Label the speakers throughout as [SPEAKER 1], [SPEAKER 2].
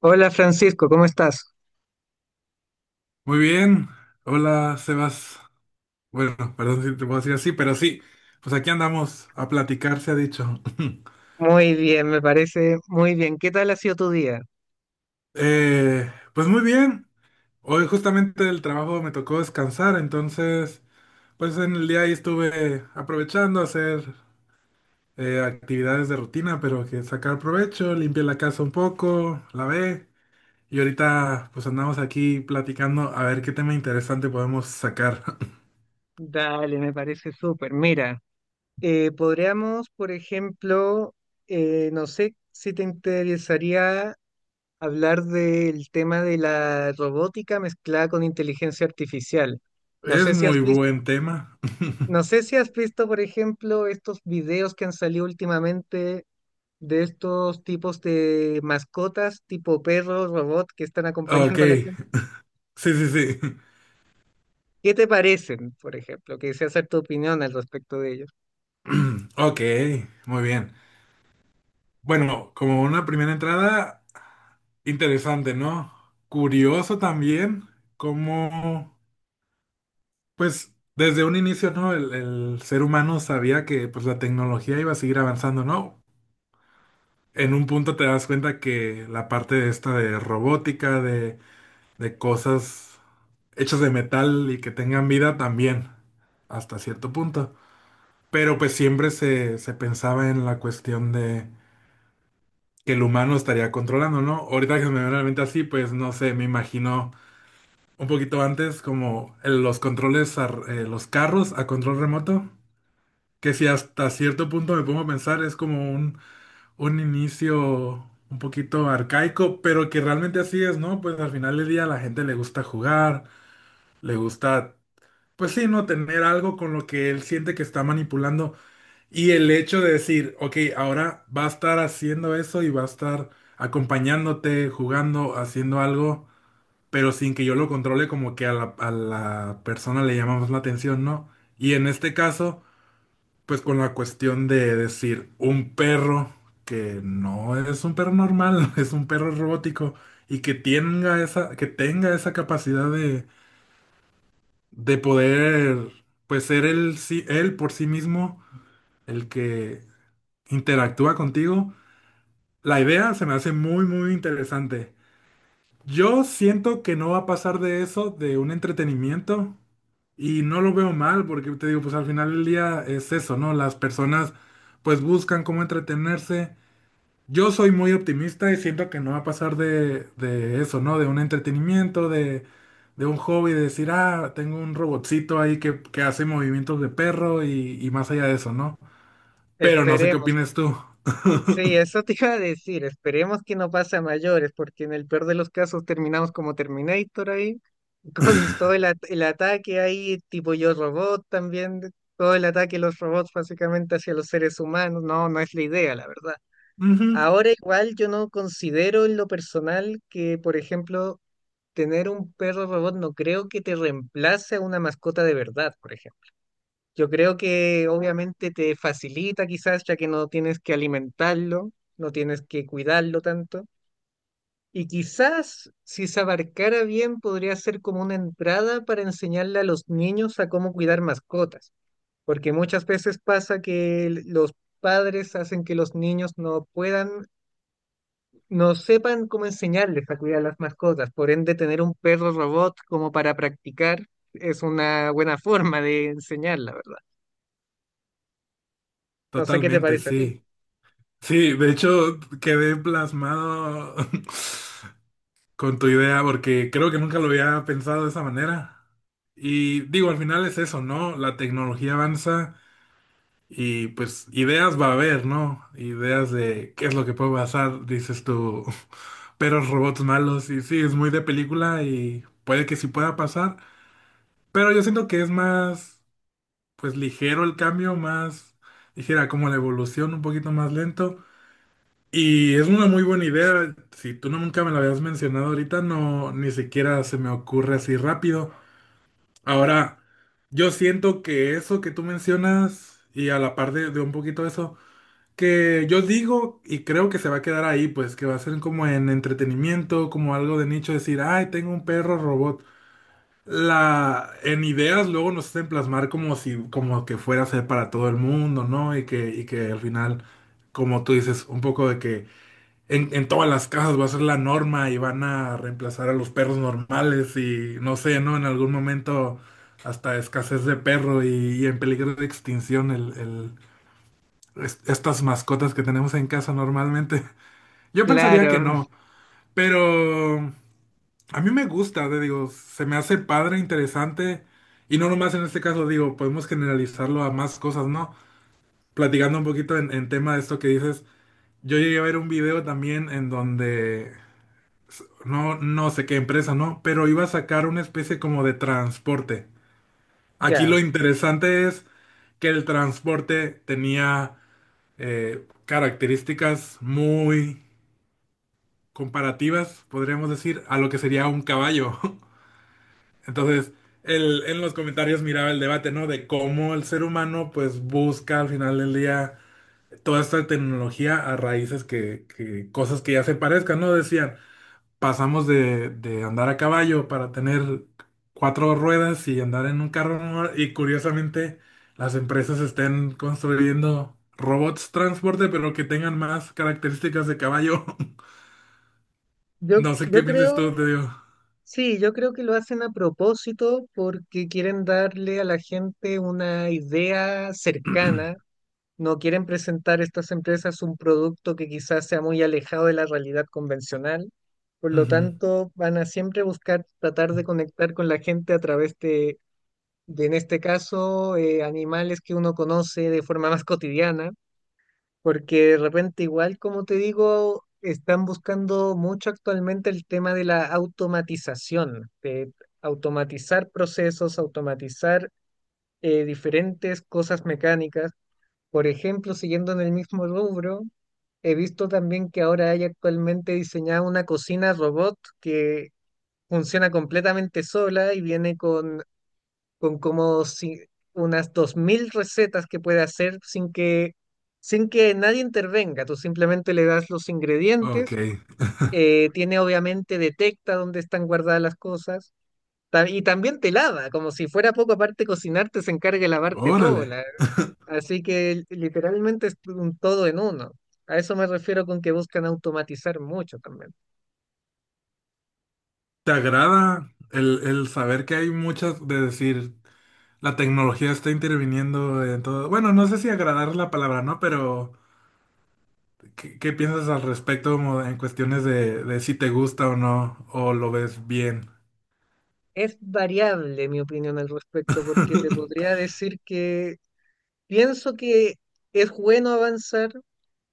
[SPEAKER 1] Hola Francisco, ¿cómo estás?
[SPEAKER 2] Muy bien, hola Sebas. Bueno, perdón si te puedo decir así, pero sí, pues aquí andamos a platicar, se ha dicho.
[SPEAKER 1] Muy bien, me parece muy bien. ¿Qué tal ha sido tu día?
[SPEAKER 2] Pues muy bien, hoy justamente del trabajo me tocó descansar, entonces pues en el día ahí estuve aprovechando a hacer actividades de rutina, pero que sacar provecho, limpié la casa un poco, lavé y ahorita pues andamos aquí platicando a ver qué tema interesante podemos sacar.
[SPEAKER 1] Dale, me parece súper. Mira, podríamos, por ejemplo, no sé si te interesaría hablar del tema de la robótica mezclada con inteligencia artificial. No
[SPEAKER 2] Es
[SPEAKER 1] sé si has
[SPEAKER 2] muy
[SPEAKER 1] visto,
[SPEAKER 2] buen tema.
[SPEAKER 1] no sé si has visto, por ejemplo, estos videos que han salido últimamente de estos tipos de mascotas tipo perro, robot que están
[SPEAKER 2] Ok,
[SPEAKER 1] acompañando a la gente.
[SPEAKER 2] sí, sí, sí.
[SPEAKER 1] ¿Qué te parecen, por ejemplo? Quisiera hacer tu opinión al respecto de ellos.
[SPEAKER 2] Ok, muy bien. Bueno, como una primera entrada, interesante, ¿no? Curioso también cómo, pues, desde un inicio, ¿no? El ser humano sabía que, pues, la tecnología iba a seguir avanzando, ¿no? En un punto te das cuenta que la parte de esta de robótica, de cosas hechas de metal y que tengan vida también, hasta cierto punto. Pero pues siempre se pensaba en la cuestión de que el humano estaría controlando, ¿no? Ahorita que se me viene a la mente así, pues no sé, me imagino un poquito antes como los controles, los carros a control remoto, que si hasta cierto punto me pongo a pensar es como un inicio un poquito arcaico, pero que realmente así es, ¿no? Pues al final del día a la gente le gusta jugar, le gusta, pues sí, ¿no? Tener algo con lo que él siente que está manipulando. Y el hecho de decir, ok, ahora va a estar haciendo eso y va a estar acompañándote, jugando, haciendo algo, pero sin que yo lo controle, como que a la persona le llama más la atención, ¿no? Y en este caso, pues con la cuestión de decir, un perro que no es un perro normal, es un perro robótico y que tenga esa capacidad de poder, pues ser él, él por sí mismo, el que interactúa contigo. La idea se me hace muy, muy interesante. Yo siento que no va a pasar de eso, de un entretenimiento, y no lo veo mal, porque te digo, pues al final del día es eso, ¿no? Las personas pues buscan cómo entretenerse. Yo soy muy optimista y siento que no va a pasar de eso, ¿no? De un entretenimiento, de un hobby, de decir, ah, tengo un robotcito ahí que hace movimientos de perro y más allá de eso, ¿no? Pero no sé qué
[SPEAKER 1] Esperemos.
[SPEAKER 2] opinas tú.
[SPEAKER 1] Sí, eso te iba a decir. Esperemos que no pase a mayores, porque en el peor de los casos terminamos como Terminator ahí, con todo el ataque ahí, tipo Yo Robot también, todo el ataque de los robots básicamente hacia los seres humanos. No, no es la idea, la verdad.
[SPEAKER 2] Ujú,
[SPEAKER 1] Ahora igual yo no considero en lo personal que, por ejemplo, tener un perro robot no creo que te reemplace a una mascota de verdad, por ejemplo. Yo creo que obviamente te facilita quizás, ya que no tienes que alimentarlo, no tienes que cuidarlo tanto. Y quizás si se abarcara bien podría ser como una entrada para enseñarle a los niños a cómo cuidar mascotas, porque muchas veces pasa que los padres hacen que los niños no puedan, no sepan cómo enseñarles a cuidar las mascotas. Por ende, tener un perro robot como para practicar es una buena forma de enseñarla, ¿verdad? No sé qué te
[SPEAKER 2] totalmente,
[SPEAKER 1] parece a ti.
[SPEAKER 2] sí. Sí, de hecho quedé plasmado con tu idea porque creo que nunca lo había pensado de esa manera. Y digo, al final es eso, ¿no? La tecnología avanza y pues ideas va a haber, ¿no? Ideas de qué es lo que puede pasar, dices tú, perros, robots malos y sí, es muy de película y puede que sí pueda pasar, pero yo siento que es más, pues ligero el cambio, más, dijera, como la evolución un poquito más lento. Y es una muy buena idea. Si tú no nunca me la habías mencionado ahorita, no, ni siquiera se me ocurre así rápido. Ahora, yo siento que eso que tú mencionas, y a la par de un poquito eso, que yo digo y creo que se va a quedar ahí, pues que va a ser como en entretenimiento, como algo de nicho, decir, ay, tengo un perro robot. En ideas luego nos hacen plasmar como si, como que fuera a ser para todo el mundo, ¿no? Y que al final, como tú dices, un poco de que en todas las casas va a ser la norma y van a reemplazar a los perros normales y no sé, ¿no? En algún momento hasta escasez de perro y en peligro de extinción estas mascotas que tenemos en casa normalmente. Yo pensaría que
[SPEAKER 1] Claro,
[SPEAKER 2] no, pero a mí me gusta, te digo, se me hace padre, interesante y no nomás en este caso, digo, podemos generalizarlo a más cosas, ¿no? Platicando un poquito en tema de esto que dices, yo llegué a ver un video también en donde... No, no sé qué empresa, ¿no? Pero iba a sacar una especie como de transporte. Aquí
[SPEAKER 1] ya.
[SPEAKER 2] lo interesante es que el transporte tenía características muy comparativas, podríamos decir, a lo que sería un caballo. Entonces, en los comentarios miraba el debate, ¿no? De cómo el ser humano pues busca al final del día toda esta tecnología a raíces que, cosas que ya se parezcan, ¿no? Decían, pasamos de andar a caballo para tener cuatro ruedas y andar en un carro normal, y curiosamente las empresas estén construyendo robots transporte pero que tengan más características de caballo.
[SPEAKER 1] Yo,
[SPEAKER 2] No sé qué
[SPEAKER 1] yo
[SPEAKER 2] piensas tú,
[SPEAKER 1] creo,
[SPEAKER 2] te digo.
[SPEAKER 1] sí, yo creo que lo hacen a propósito porque quieren darle a la gente una idea cercana. No quieren presentar a estas empresas un producto que quizás sea muy alejado de la realidad convencional. Por lo
[SPEAKER 2] Ujú.
[SPEAKER 1] tanto, van a siempre buscar tratar de conectar con la gente a través de, en este caso, animales que uno conoce de forma más cotidiana. Porque de repente igual, como te digo, están buscando mucho actualmente el tema de la automatización, de automatizar procesos, automatizar diferentes cosas mecánicas. Por ejemplo, siguiendo en el mismo rubro, he visto también que ahora hay actualmente diseñada una cocina robot que funciona completamente sola y viene con como si, unas 2.000 recetas que puede hacer sin que nadie intervenga. Tú simplemente le das los
[SPEAKER 2] Ok,
[SPEAKER 1] ingredientes, tiene obviamente detecta dónde están guardadas las cosas. Y también te lava, como si fuera poco, aparte de cocinarte, se encarga de lavarte todo.
[SPEAKER 2] órale.
[SPEAKER 1] Así que literalmente es un todo en uno. A eso me refiero con que buscan automatizar mucho también.
[SPEAKER 2] ¿Te agrada el saber que hay muchas de decir la tecnología está interviniendo en todo? Bueno, no sé si agradar es la palabra, ¿no? Pero ¿Qué piensas al respecto como en cuestiones de si te gusta o no, o lo ves bien?
[SPEAKER 1] Es variable mi opinión al respecto, porque te podría decir que pienso que es bueno avanzar,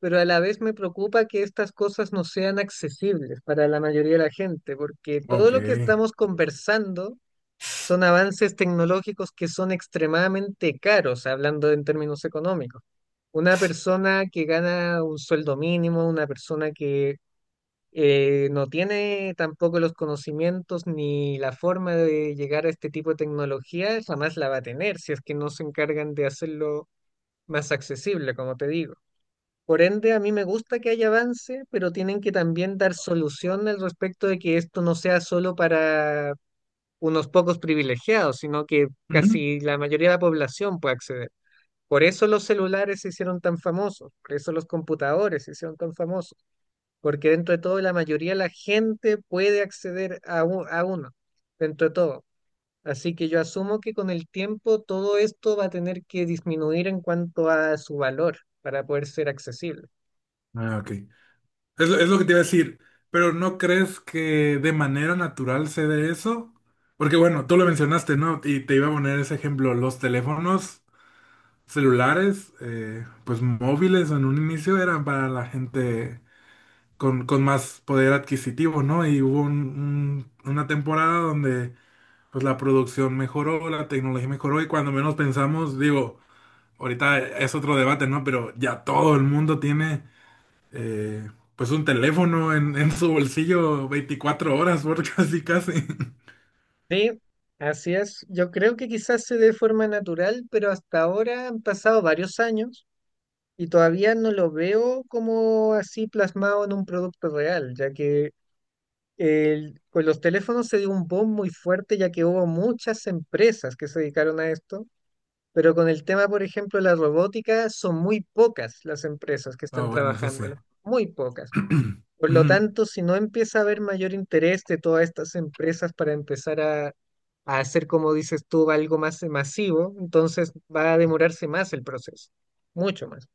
[SPEAKER 1] pero a la vez me preocupa que estas cosas no sean accesibles para la mayoría de la gente, porque todo
[SPEAKER 2] Ok.
[SPEAKER 1] lo que estamos conversando son avances tecnológicos que son extremadamente caros, hablando en términos económicos. Una persona que gana un sueldo mínimo, una persona que no tiene tampoco los conocimientos ni la forma de llegar a este tipo de tecnología, jamás la va a tener si es que no se encargan de hacerlo más accesible, como te digo. Por ende, a mí me gusta que haya avance, pero tienen que también dar solución al respecto de que esto no sea solo para unos pocos privilegiados, sino que
[SPEAKER 2] Ujú.
[SPEAKER 1] casi la mayoría de la población pueda acceder. Por eso los celulares se hicieron tan famosos, por eso los computadores se hicieron tan famosos, porque dentro de todo la mayoría de la gente puede acceder a, a uno, dentro de todo. Así que yo asumo que con el tiempo todo esto va a tener que disminuir en cuanto a su valor para poder ser accesible.
[SPEAKER 2] Ah, ok. Es lo que te iba a decir, pero ¿no crees que de manera natural se dé eso? Porque bueno, tú lo mencionaste, ¿no? Y te iba a poner ese ejemplo, los teléfonos celulares, pues móviles en un inicio eran para la gente con más poder adquisitivo, ¿no? Y hubo una temporada donde pues la producción mejoró, la tecnología mejoró y cuando menos pensamos, digo, ahorita es otro debate, ¿no? Pero ya todo el mundo tiene eh, pues un teléfono en su bolsillo 24 horas, por casi casi.
[SPEAKER 1] Sí, así es. Yo creo que quizás se dé de forma natural, pero hasta ahora han pasado varios años y todavía no lo veo como así plasmado en un producto real, ya que con los teléfonos se dio un boom muy fuerte, ya que hubo muchas empresas que se dedicaron a esto. Pero con el tema, por ejemplo, de la robótica, son muy pocas las empresas que
[SPEAKER 2] Ah,
[SPEAKER 1] están
[SPEAKER 2] bueno, eso sí.
[SPEAKER 1] trabajándolo, muy pocas. Por lo
[SPEAKER 2] Ujú.
[SPEAKER 1] tanto, si no empieza a haber mayor interés de todas estas empresas para empezar a hacer, como dices tú, algo más masivo, entonces va a demorarse más el proceso, mucho más.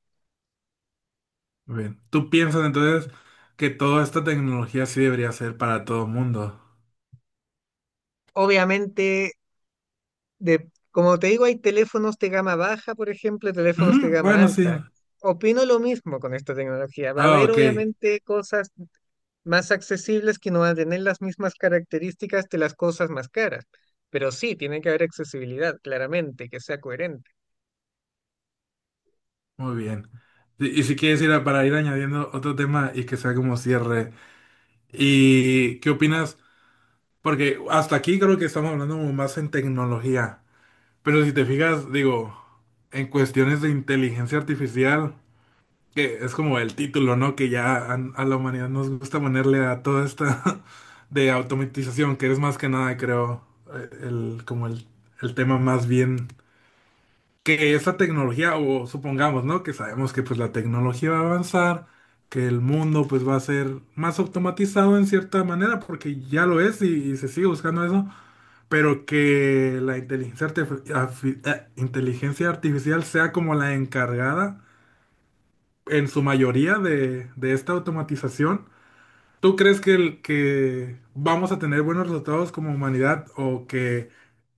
[SPEAKER 2] Bien, ¿tú piensas entonces que toda esta tecnología sí debería ser para todo el mundo?
[SPEAKER 1] Obviamente, de, como te digo, hay teléfonos de gama baja, por ejemplo, y teléfonos de
[SPEAKER 2] Ujú,
[SPEAKER 1] gama
[SPEAKER 2] bueno, sí.
[SPEAKER 1] alta. Opino lo mismo con esta tecnología. Va a
[SPEAKER 2] Ah,
[SPEAKER 1] haber
[SPEAKER 2] ok,
[SPEAKER 1] obviamente cosas más accesibles que no van a tener las mismas características de las cosas más caras. Pero sí, tiene que haber accesibilidad, claramente, que sea coherente.
[SPEAKER 2] muy bien. y si quieres ir para ir añadiendo otro tema y que sea como cierre. ¿Y qué opinas? Porque hasta aquí creo que estamos hablando como más en tecnología. Pero si te fijas, digo, en cuestiones de inteligencia artificial, que es como el título, ¿no? Que ya a la humanidad nos gusta ponerle a toda esta de automatización, que es más que nada, creo, eh, el, como el, el tema más bien que esa tecnología, o supongamos, ¿no? Que sabemos que pues la tecnología va a avanzar, que el mundo pues va a ser más automatizado en cierta manera, porque ya lo es y se sigue buscando eso, pero que la inteligencia artificial sea como la encargada en su mayoría de esta automatización. ¿Tú crees que vamos a tener buenos resultados como humanidad o que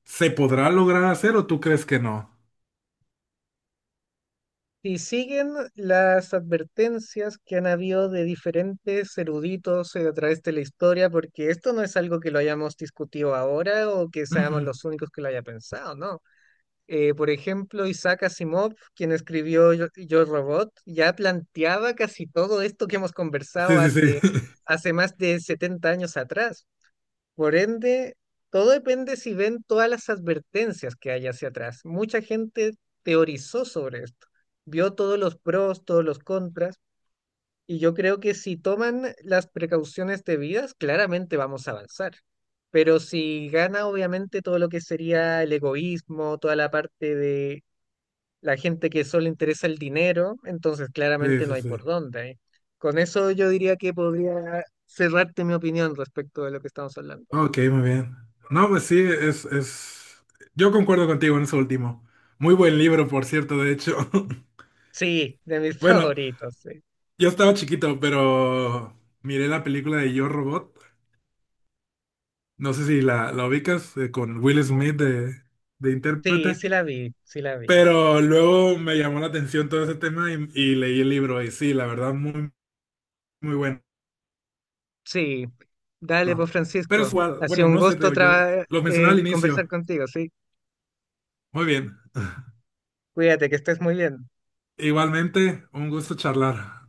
[SPEAKER 2] se podrá lograr hacer o tú crees que no?
[SPEAKER 1] Y siguen las advertencias que han habido de diferentes eruditos a través de la historia, porque esto no es algo que lo hayamos discutido ahora o que seamos
[SPEAKER 2] Ujú.
[SPEAKER 1] los únicos que lo haya pensado, ¿no? Por ejemplo, Isaac Asimov, quien escribió Yo Robot, ya planteaba casi todo esto que hemos
[SPEAKER 2] Sí,
[SPEAKER 1] conversado
[SPEAKER 2] sí, sí.
[SPEAKER 1] hace, hace más de 70 años atrás. Por ende, todo depende si ven todas las advertencias que hay hacia atrás. Mucha gente teorizó sobre esto, vio todos los pros, todos los contras, y yo creo que si toman las precauciones debidas, claramente vamos a avanzar. Pero si gana, obviamente, todo lo que sería el egoísmo, toda la parte de la gente que solo interesa el dinero, entonces
[SPEAKER 2] Sí,
[SPEAKER 1] claramente no
[SPEAKER 2] sí,
[SPEAKER 1] hay
[SPEAKER 2] sí.
[SPEAKER 1] por dónde, ¿eh? Con eso yo diría que podría cerrarte mi opinión respecto de lo que estamos hablando.
[SPEAKER 2] Ok, muy bien. No, pues sí. Yo concuerdo contigo en eso último. Muy buen libro, por cierto, de hecho.
[SPEAKER 1] Sí, de mis
[SPEAKER 2] Bueno,
[SPEAKER 1] favoritos, sí.
[SPEAKER 2] yo estaba chiquito, pero miré la película de Yo Robot. No sé si la, ubicas con Will Smith de
[SPEAKER 1] Sí,
[SPEAKER 2] intérprete,
[SPEAKER 1] sí la vi, sí la vi, sí.
[SPEAKER 2] pero luego me llamó la atención todo ese tema y leí el libro y sí, la verdad, muy, muy bueno.
[SPEAKER 1] Sí, dale, pues
[SPEAKER 2] Pero es
[SPEAKER 1] Francisco.
[SPEAKER 2] igual,
[SPEAKER 1] Ha sido
[SPEAKER 2] bueno,
[SPEAKER 1] un
[SPEAKER 2] no sé, te
[SPEAKER 1] gusto
[SPEAKER 2] digo, yo lo mencionaba al
[SPEAKER 1] conversar
[SPEAKER 2] inicio.
[SPEAKER 1] contigo, sí.
[SPEAKER 2] Muy bien.
[SPEAKER 1] Cuídate, que estés muy bien.
[SPEAKER 2] Igualmente, un gusto charlar.